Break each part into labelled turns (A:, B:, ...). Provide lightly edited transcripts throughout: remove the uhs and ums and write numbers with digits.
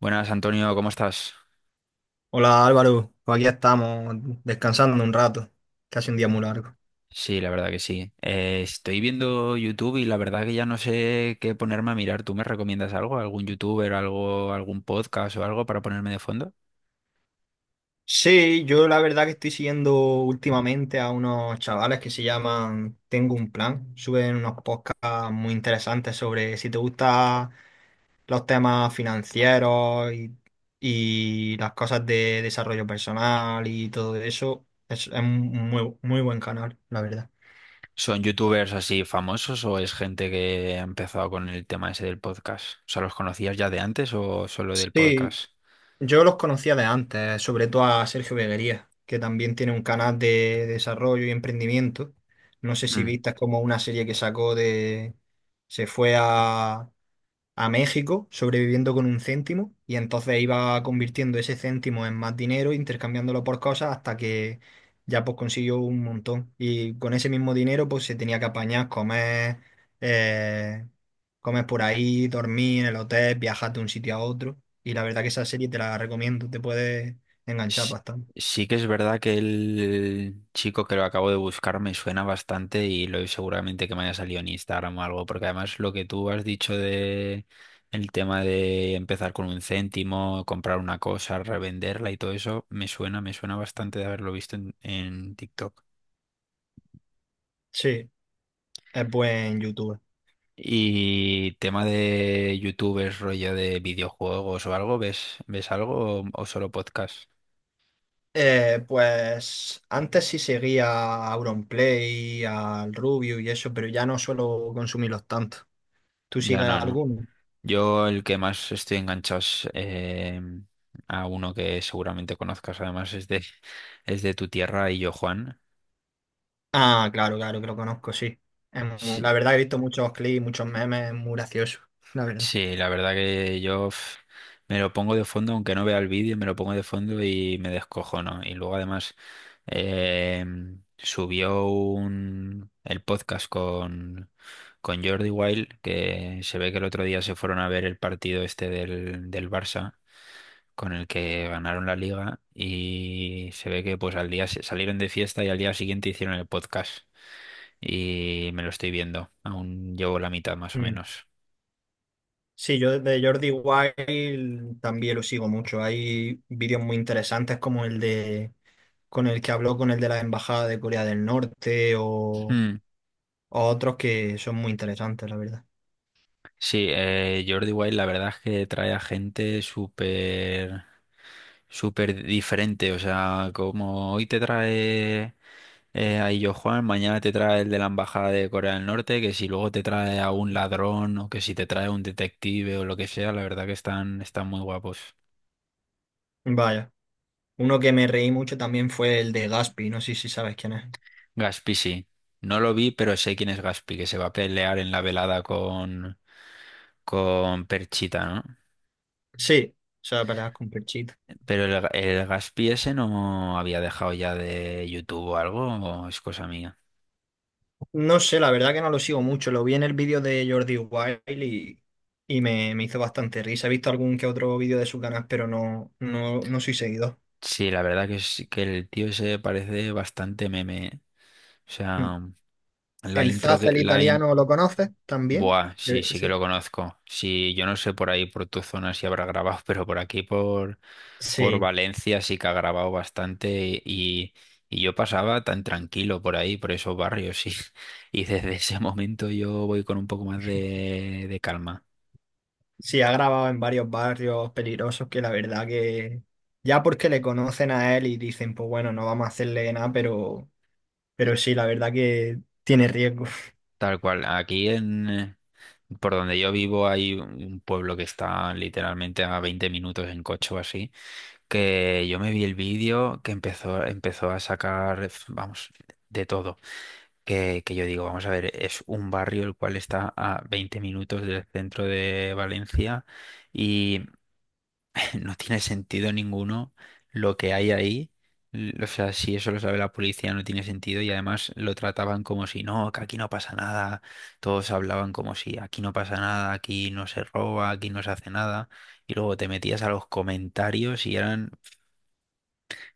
A: Buenas, Antonio, ¿cómo estás?
B: Hola Álvaro, pues aquí estamos descansando un rato, casi un día muy largo.
A: Sí, la verdad que sí. Estoy viendo YouTube y la verdad que ya no sé qué ponerme a mirar. ¿Tú me recomiendas algo? ¿Algún youtuber, algún podcast o algo para ponerme de fondo?
B: Sí, yo la verdad que estoy siguiendo últimamente a unos chavales que se llaman Tengo un plan. Suben unos podcasts muy interesantes sobre si te gustan los temas financieros y las cosas de desarrollo personal y todo eso. Es un muy, muy buen canal, la verdad.
A: ¿Son youtubers así famosos o es gente que ha empezado con el tema ese del podcast? O sea, ¿los conocías ya de antes o solo del
B: Sí,
A: podcast?
B: yo los conocía de antes, sobre todo a Sergio Beguería, que también tiene un canal de desarrollo y emprendimiento. No sé si viste, es como una serie que sacó de... Se fue a México sobreviviendo con un céntimo y entonces iba convirtiendo ese céntimo en más dinero, intercambiándolo por cosas hasta que ya pues consiguió un montón. Y con ese mismo dinero pues se tenía que apañar, comer, eh, comes por ahí, dormís en el hotel, viajas de un sitio a otro. Y la verdad que esa serie te la recomiendo, te puede enganchar
A: Sí,
B: bastante.
A: sí que es verdad que el chico que lo acabo de buscar me suena bastante y lo seguramente que me haya salido en Instagram o algo, porque además lo que tú has dicho de el tema de empezar con un céntimo, comprar una cosa, revenderla y todo eso, me suena bastante de haberlo visto en TikTok.
B: Sí, es buen youtuber.
A: Y tema de youtubers, rollo de videojuegos o algo, ¿ves algo o solo podcast?
B: Pues antes sí seguía a Auronplay, al Rubio y eso, pero ya no suelo consumirlos tanto. ¿Tú
A: Ya
B: sigues
A: no, ¿no?
B: alguno?
A: Yo el que más estoy enganchado es, a uno que seguramente conozcas, además es de tu tierra y yo, Juan.
B: Ah, claro, claro, que lo conozco, sí. Es muy-
A: Sí,
B: la verdad he visto muchos clips, muchos memes, es muy gracioso, la verdad.
A: sí, la verdad que yo me lo pongo de fondo, aunque no vea el vídeo, me lo pongo de fondo y me descojono. Y luego además subió el podcast con Jordi Wild, que se ve que el otro día se fueron a ver el partido este del Barça con el que ganaron la liga y se ve que pues al día salieron de fiesta y al día siguiente hicieron el podcast y me lo estoy viendo. Aún llevo la mitad más o
B: Mm.
A: menos.
B: Sí, yo de Jordi Wild también lo sigo mucho. Hay vídeos muy interesantes como el de con el que habló con el de la Embajada de Corea del Norte
A: Mm,
B: o otros que son muy interesantes, la verdad.
A: Sí, Jordi Wild la verdad es que trae a gente súper súper diferente, o sea, como hoy te trae a Illo Juan, mañana te trae el de la Embajada de Corea del Norte, que si luego te trae a un ladrón o que si te trae a un detective o lo que sea, la verdad que están muy guapos.
B: Vaya, uno que me reí mucho también fue el de Gaspi, no sé si sabes quién es.
A: Gaspi sí. No lo vi, pero sé quién es Gaspi, que se va a pelear en la velada con Perchita, ¿no?
B: Sí, o sea, peleas con Perchita.
A: Pero el Gaspi ese no había dejado ya de YouTube o algo, o es cosa mía.
B: No sé, la verdad que no lo sigo mucho. Lo vi en el vídeo de Jordi Wild y, y me hizo bastante risa. He visto algún que otro vídeo de su canal, pero no, no, no soy seguidor.
A: Sí, la verdad que es que el tío ese parece bastante meme, ¿eh? O
B: Mm.
A: sea, la
B: El
A: intro
B: Zaz,
A: que,
B: el
A: la
B: italiano, ¿lo conoces también?
A: Buah, sí,
B: Creo.
A: sí que lo
B: Sí.
A: conozco. Sí, yo no sé por ahí, por tu zona, si habrá grabado, pero por aquí, por
B: Sí,
A: Valencia, sí que ha grabado bastante y yo pasaba tan tranquilo por ahí, por esos barrios, sí. Y desde ese momento yo voy con un poco más de calma.
B: sí, ha grabado en varios barrios peligrosos que la verdad que ya porque le conocen a él y dicen, pues bueno, no vamos a hacerle nada, pero sí, la verdad que tiene riesgo.
A: Tal cual, aquí, por donde yo vivo hay un pueblo que está literalmente a 20 minutos en coche o así, que yo me vi el vídeo que empezó a sacar, vamos, de todo. Que yo digo, vamos a ver, es un barrio el cual está a 20 minutos del centro de Valencia y no tiene sentido ninguno lo que hay ahí. O sea, si eso lo sabe la policía no tiene sentido y además lo trataban como si no, que aquí no pasa nada, todos hablaban como si aquí no pasa nada, aquí no se roba, aquí no se hace nada y luego te metías a los comentarios y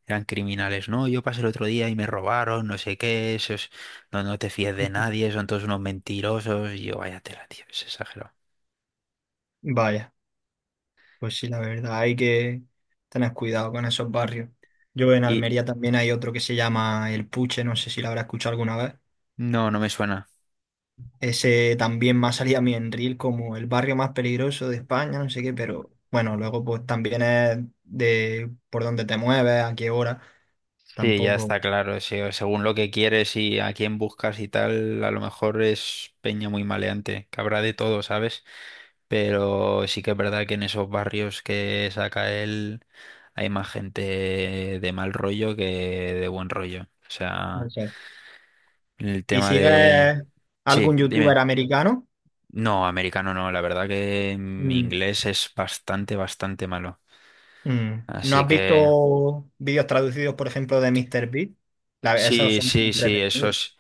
A: eran criminales, no, yo pasé el otro día y me robaron, no sé qué, esos, no, no te fíes de nadie, son todos unos mentirosos, y yo, vaya tela, tío, es exagerado.
B: Vaya, pues sí, la verdad hay que tener cuidado con esos barrios. Yo en
A: Y
B: Almería también hay otro que se llama El Puche, no sé si lo habrá escuchado alguna vez.
A: no, no me suena.
B: Ese también más salía a mí en Reel como el barrio más peligroso de España, no sé qué, pero bueno, luego pues también es de por dónde te mueves, a qué hora,
A: Sí, ya está
B: tampoco,
A: claro, sí, o según lo que quieres y a quién buscas y tal, a lo mejor es peña muy maleante, que habrá de todo, ¿sabes? Pero sí que es verdad que en esos barrios que saca él hay más gente de mal rollo que de buen rollo. O
B: no
A: sea,
B: sé.
A: el
B: ¿Y
A: tema de...
B: sigues
A: Sí,
B: algún
A: dime.
B: youtuber americano?
A: No, americano no, la verdad que mi
B: Mm,
A: inglés es bastante, bastante malo.
B: mm. ¿No
A: Así
B: has
A: que
B: visto vídeos traducidos, por ejemplo, de Mr. Beast? La- esos
A: sí,
B: son
A: sí, sí,
B: entretenidos.
A: esos,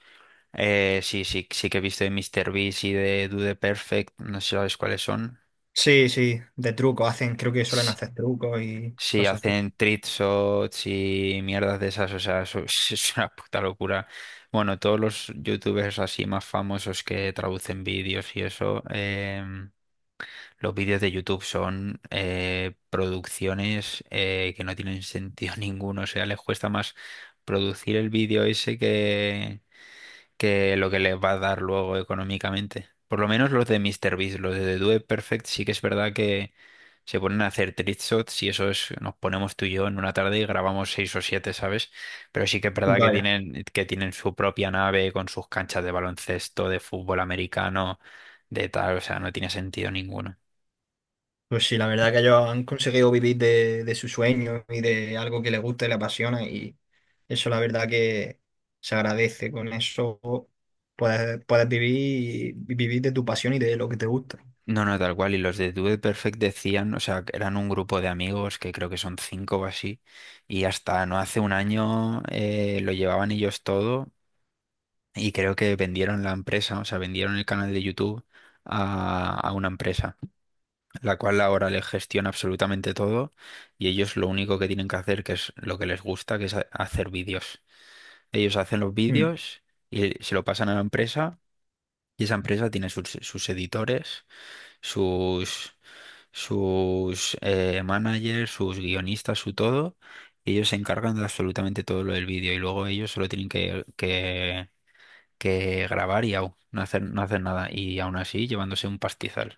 A: sí, sí, sí que he visto de Mr. Beast y de Do the Perfect, no sé si sabes cuáles son.
B: Sí, sí, de trucos, hacen, creo que suelen
A: S-
B: hacer trucos y
A: Sí,
B: cosas así.
A: hacen treat shots y mierdas de esas, o sea, eso es una puta locura. Bueno, todos los youtubers así más famosos que traducen vídeos y eso, los vídeos de YouTube son producciones que no tienen sentido ninguno. O sea, les cuesta más producir el vídeo ese que lo que les va a dar luego económicamente. Por lo menos los de MrBeast, los de The Do It Perfect, sí que es verdad que se ponen a hacer trick shots y eso es, nos ponemos tú y yo en una tarde y grabamos seis o siete, ¿sabes? Pero sí que es verdad que
B: Vaya.
A: que tienen su propia nave con sus canchas de baloncesto, de fútbol americano, de tal. O sea, no tiene sentido ninguno.
B: Pues sí, la verdad que ellos han conseguido vivir de su sueño y de algo que les gusta y les apasiona y eso la verdad que se agradece. Con eso puedes vivir, vivir de tu pasión y de lo que te gusta.
A: No, no, tal cual. Y los de Dude Perfect decían, o sea, que eran un grupo de amigos que creo que son cinco o así. Y hasta no hace un año lo llevaban ellos todo. Y creo que vendieron la empresa, o sea, vendieron el canal de YouTube a una empresa, la cual ahora les gestiona absolutamente todo. Y ellos lo único que tienen que hacer, que es lo que les gusta, que es hacer vídeos. Ellos hacen los
B: Mm.
A: vídeos y se lo pasan a la empresa. Y esa empresa tiene sus editores sus, sus managers, sus guionistas, su todo. Y ellos se encargan de absolutamente todo lo del vídeo y luego ellos solo tienen que que grabar y au, no hacer nada. Y aún así llevándose un pastizal.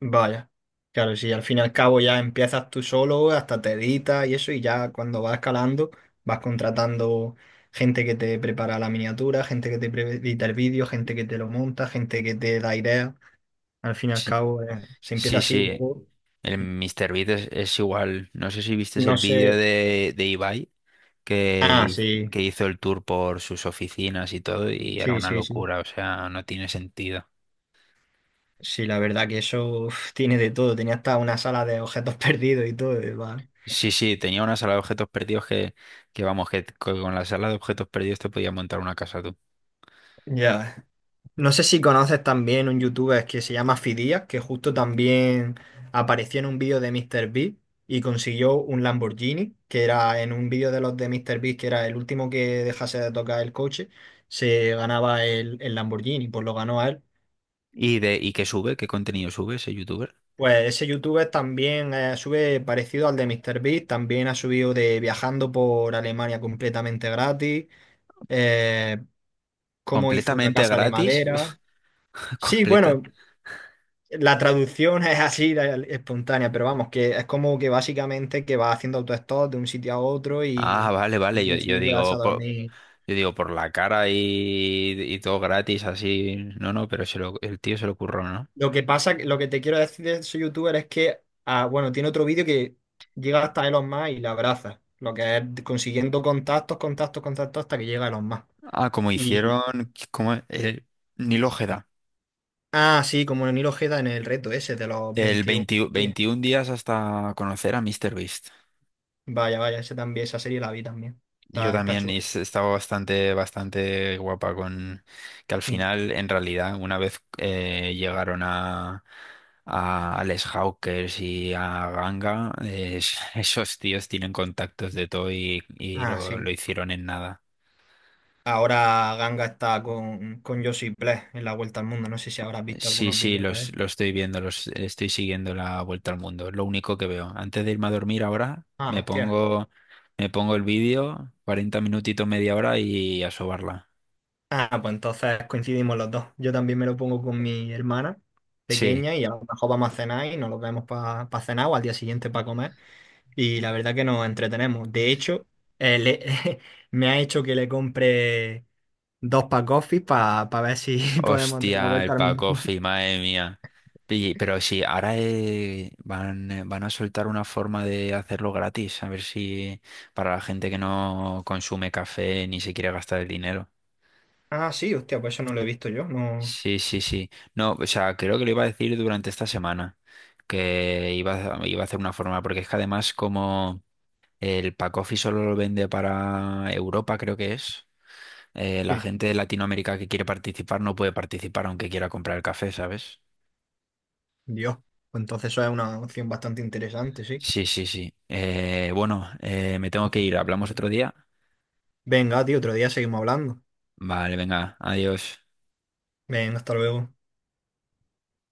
B: Vaya. Claro, si al fin y al cabo ya empiezas tú solo, hasta te editas y eso, y ya cuando vas escalando, vas contratando gente que te prepara la miniatura, gente que te pre- edita el vídeo, gente que te lo monta, gente que te da ideas. Al fin y al
A: Sí,
B: cabo, se empieza
A: sí,
B: así,
A: sí.
B: luego
A: El Mr. Beat es igual. No sé si viste
B: no
A: el
B: sé.
A: vídeo de Ibai que,
B: Ah, sí,
A: que hizo el tour por sus oficinas y todo y era
B: sí,
A: una
B: sí, sí.
A: locura. O sea, no tiene sentido.
B: Sí, la verdad que eso uf, tiene de todo. Tenía hasta una sala de objetos perdidos y todo. Y va.
A: Sí, sí, tenía una sala de objetos perdidos que vamos, que con la sala de objetos perdidos te podías montar una casa tú.
B: Ya. No sé si conoces también un youtuber que se llama Fidias, que justo también apareció en un vídeo de MrBeast y consiguió un Lamborghini, que era en un vídeo de los de MrBeast, que era el último que dejase de tocar el coche, se ganaba el Lamborghini, pues lo ganó a él.
A: ¿Y y qué sube? ¿Qué contenido sube ese youtuber?
B: Pues ese youtuber también sube parecido al de MrBeast, también ha subido de viajando por Alemania completamente gratis, eh, cómo hizo una
A: ¿Completamente
B: casa de
A: gratis?
B: madera. Sí,
A: Completa.
B: bueno, la traducción es así, la- espontánea, pero vamos, que es como que básicamente que va haciendo autostop de un sitio a otro
A: Ah, vale,
B: y
A: vale. Yo, yo
B: consigue quedarse a
A: digo, por,
B: dormir.
A: yo digo, por la cara y todo gratis, así. No, no, pero el tío se lo curró, ¿no?
B: Lo que pasa, lo que te quiero decir de ese youtuber es que, ah, bueno, tiene otro vídeo que llega hasta Elon Musk y la abraza. Lo que es consiguiendo contactos, contactos, contactos hasta que llega Elon Musk.
A: Ah, como
B: Y,
A: hicieron, como el Nil Ojeda.
B: ah, sí, como Neil Ojeda en el reto ese de los
A: El
B: veintiún
A: 20
B: días.
A: 21 días hasta conocer a Mister Beast.
B: Vaya, vaya, ese también, esa serie la vi también.
A: Yo
B: Está, está
A: también
B: chulo.
A: y estaba bastante, bastante guapa con que al
B: Mm.
A: final, en realidad, una vez llegaron a Les Hawkers y a Ganga, esos tíos tienen contactos de todo y
B: Ah,
A: lo
B: sí.
A: hicieron en nada.
B: Ahora Ganga está con Josip Bless en la Vuelta al Mundo. No sé si habrás visto
A: Sí,
B: algunos
A: sí,
B: vídeos de él.
A: los estoy viendo, los estoy siguiendo la vuelta al mundo. Lo único que veo. Antes de irme a dormir ahora,
B: Ah, hostia.
A: me pongo el vídeo, 40 minutitos, media hora y a sobarla.
B: Ah, pues entonces coincidimos los dos. Yo también me lo pongo con mi hermana
A: Sí.
B: pequeña y a lo mejor vamos a cenar y nos lo vemos para cenar o al día siguiente para comer. Y la verdad que nos entretenemos. De hecho, eh, le- me ha hecho que le compre dos pack coffee para ver si podemos dar la
A: Hostia, el
B: vuelta al mundo.
A: Pacofi, madre mía. Y, pero sí, ahora van a soltar una forma de hacerlo gratis, a ver si para la gente que no consume café ni se quiere gastar el dinero.
B: Ah, sí, hostia, pues eso no lo he visto yo. No.
A: Sí, sí, sí. No, o sea, creo que lo iba a decir durante esta semana, que iba iba a hacer una forma, porque es que además como el Pacofi solo lo vende para Europa, creo que es, la
B: Sí.
A: gente de Latinoamérica que quiere participar no puede participar aunque quiera comprar el café, ¿sabes?
B: Dios. Pues entonces eso es una opción bastante interesante, sí.
A: Sí, sí, sí. Bueno, me tengo que ir. Hablamos otro día.
B: Venga, tío, otro día seguimos hablando.
A: Vale, venga, adiós.
B: Venga, hasta luego.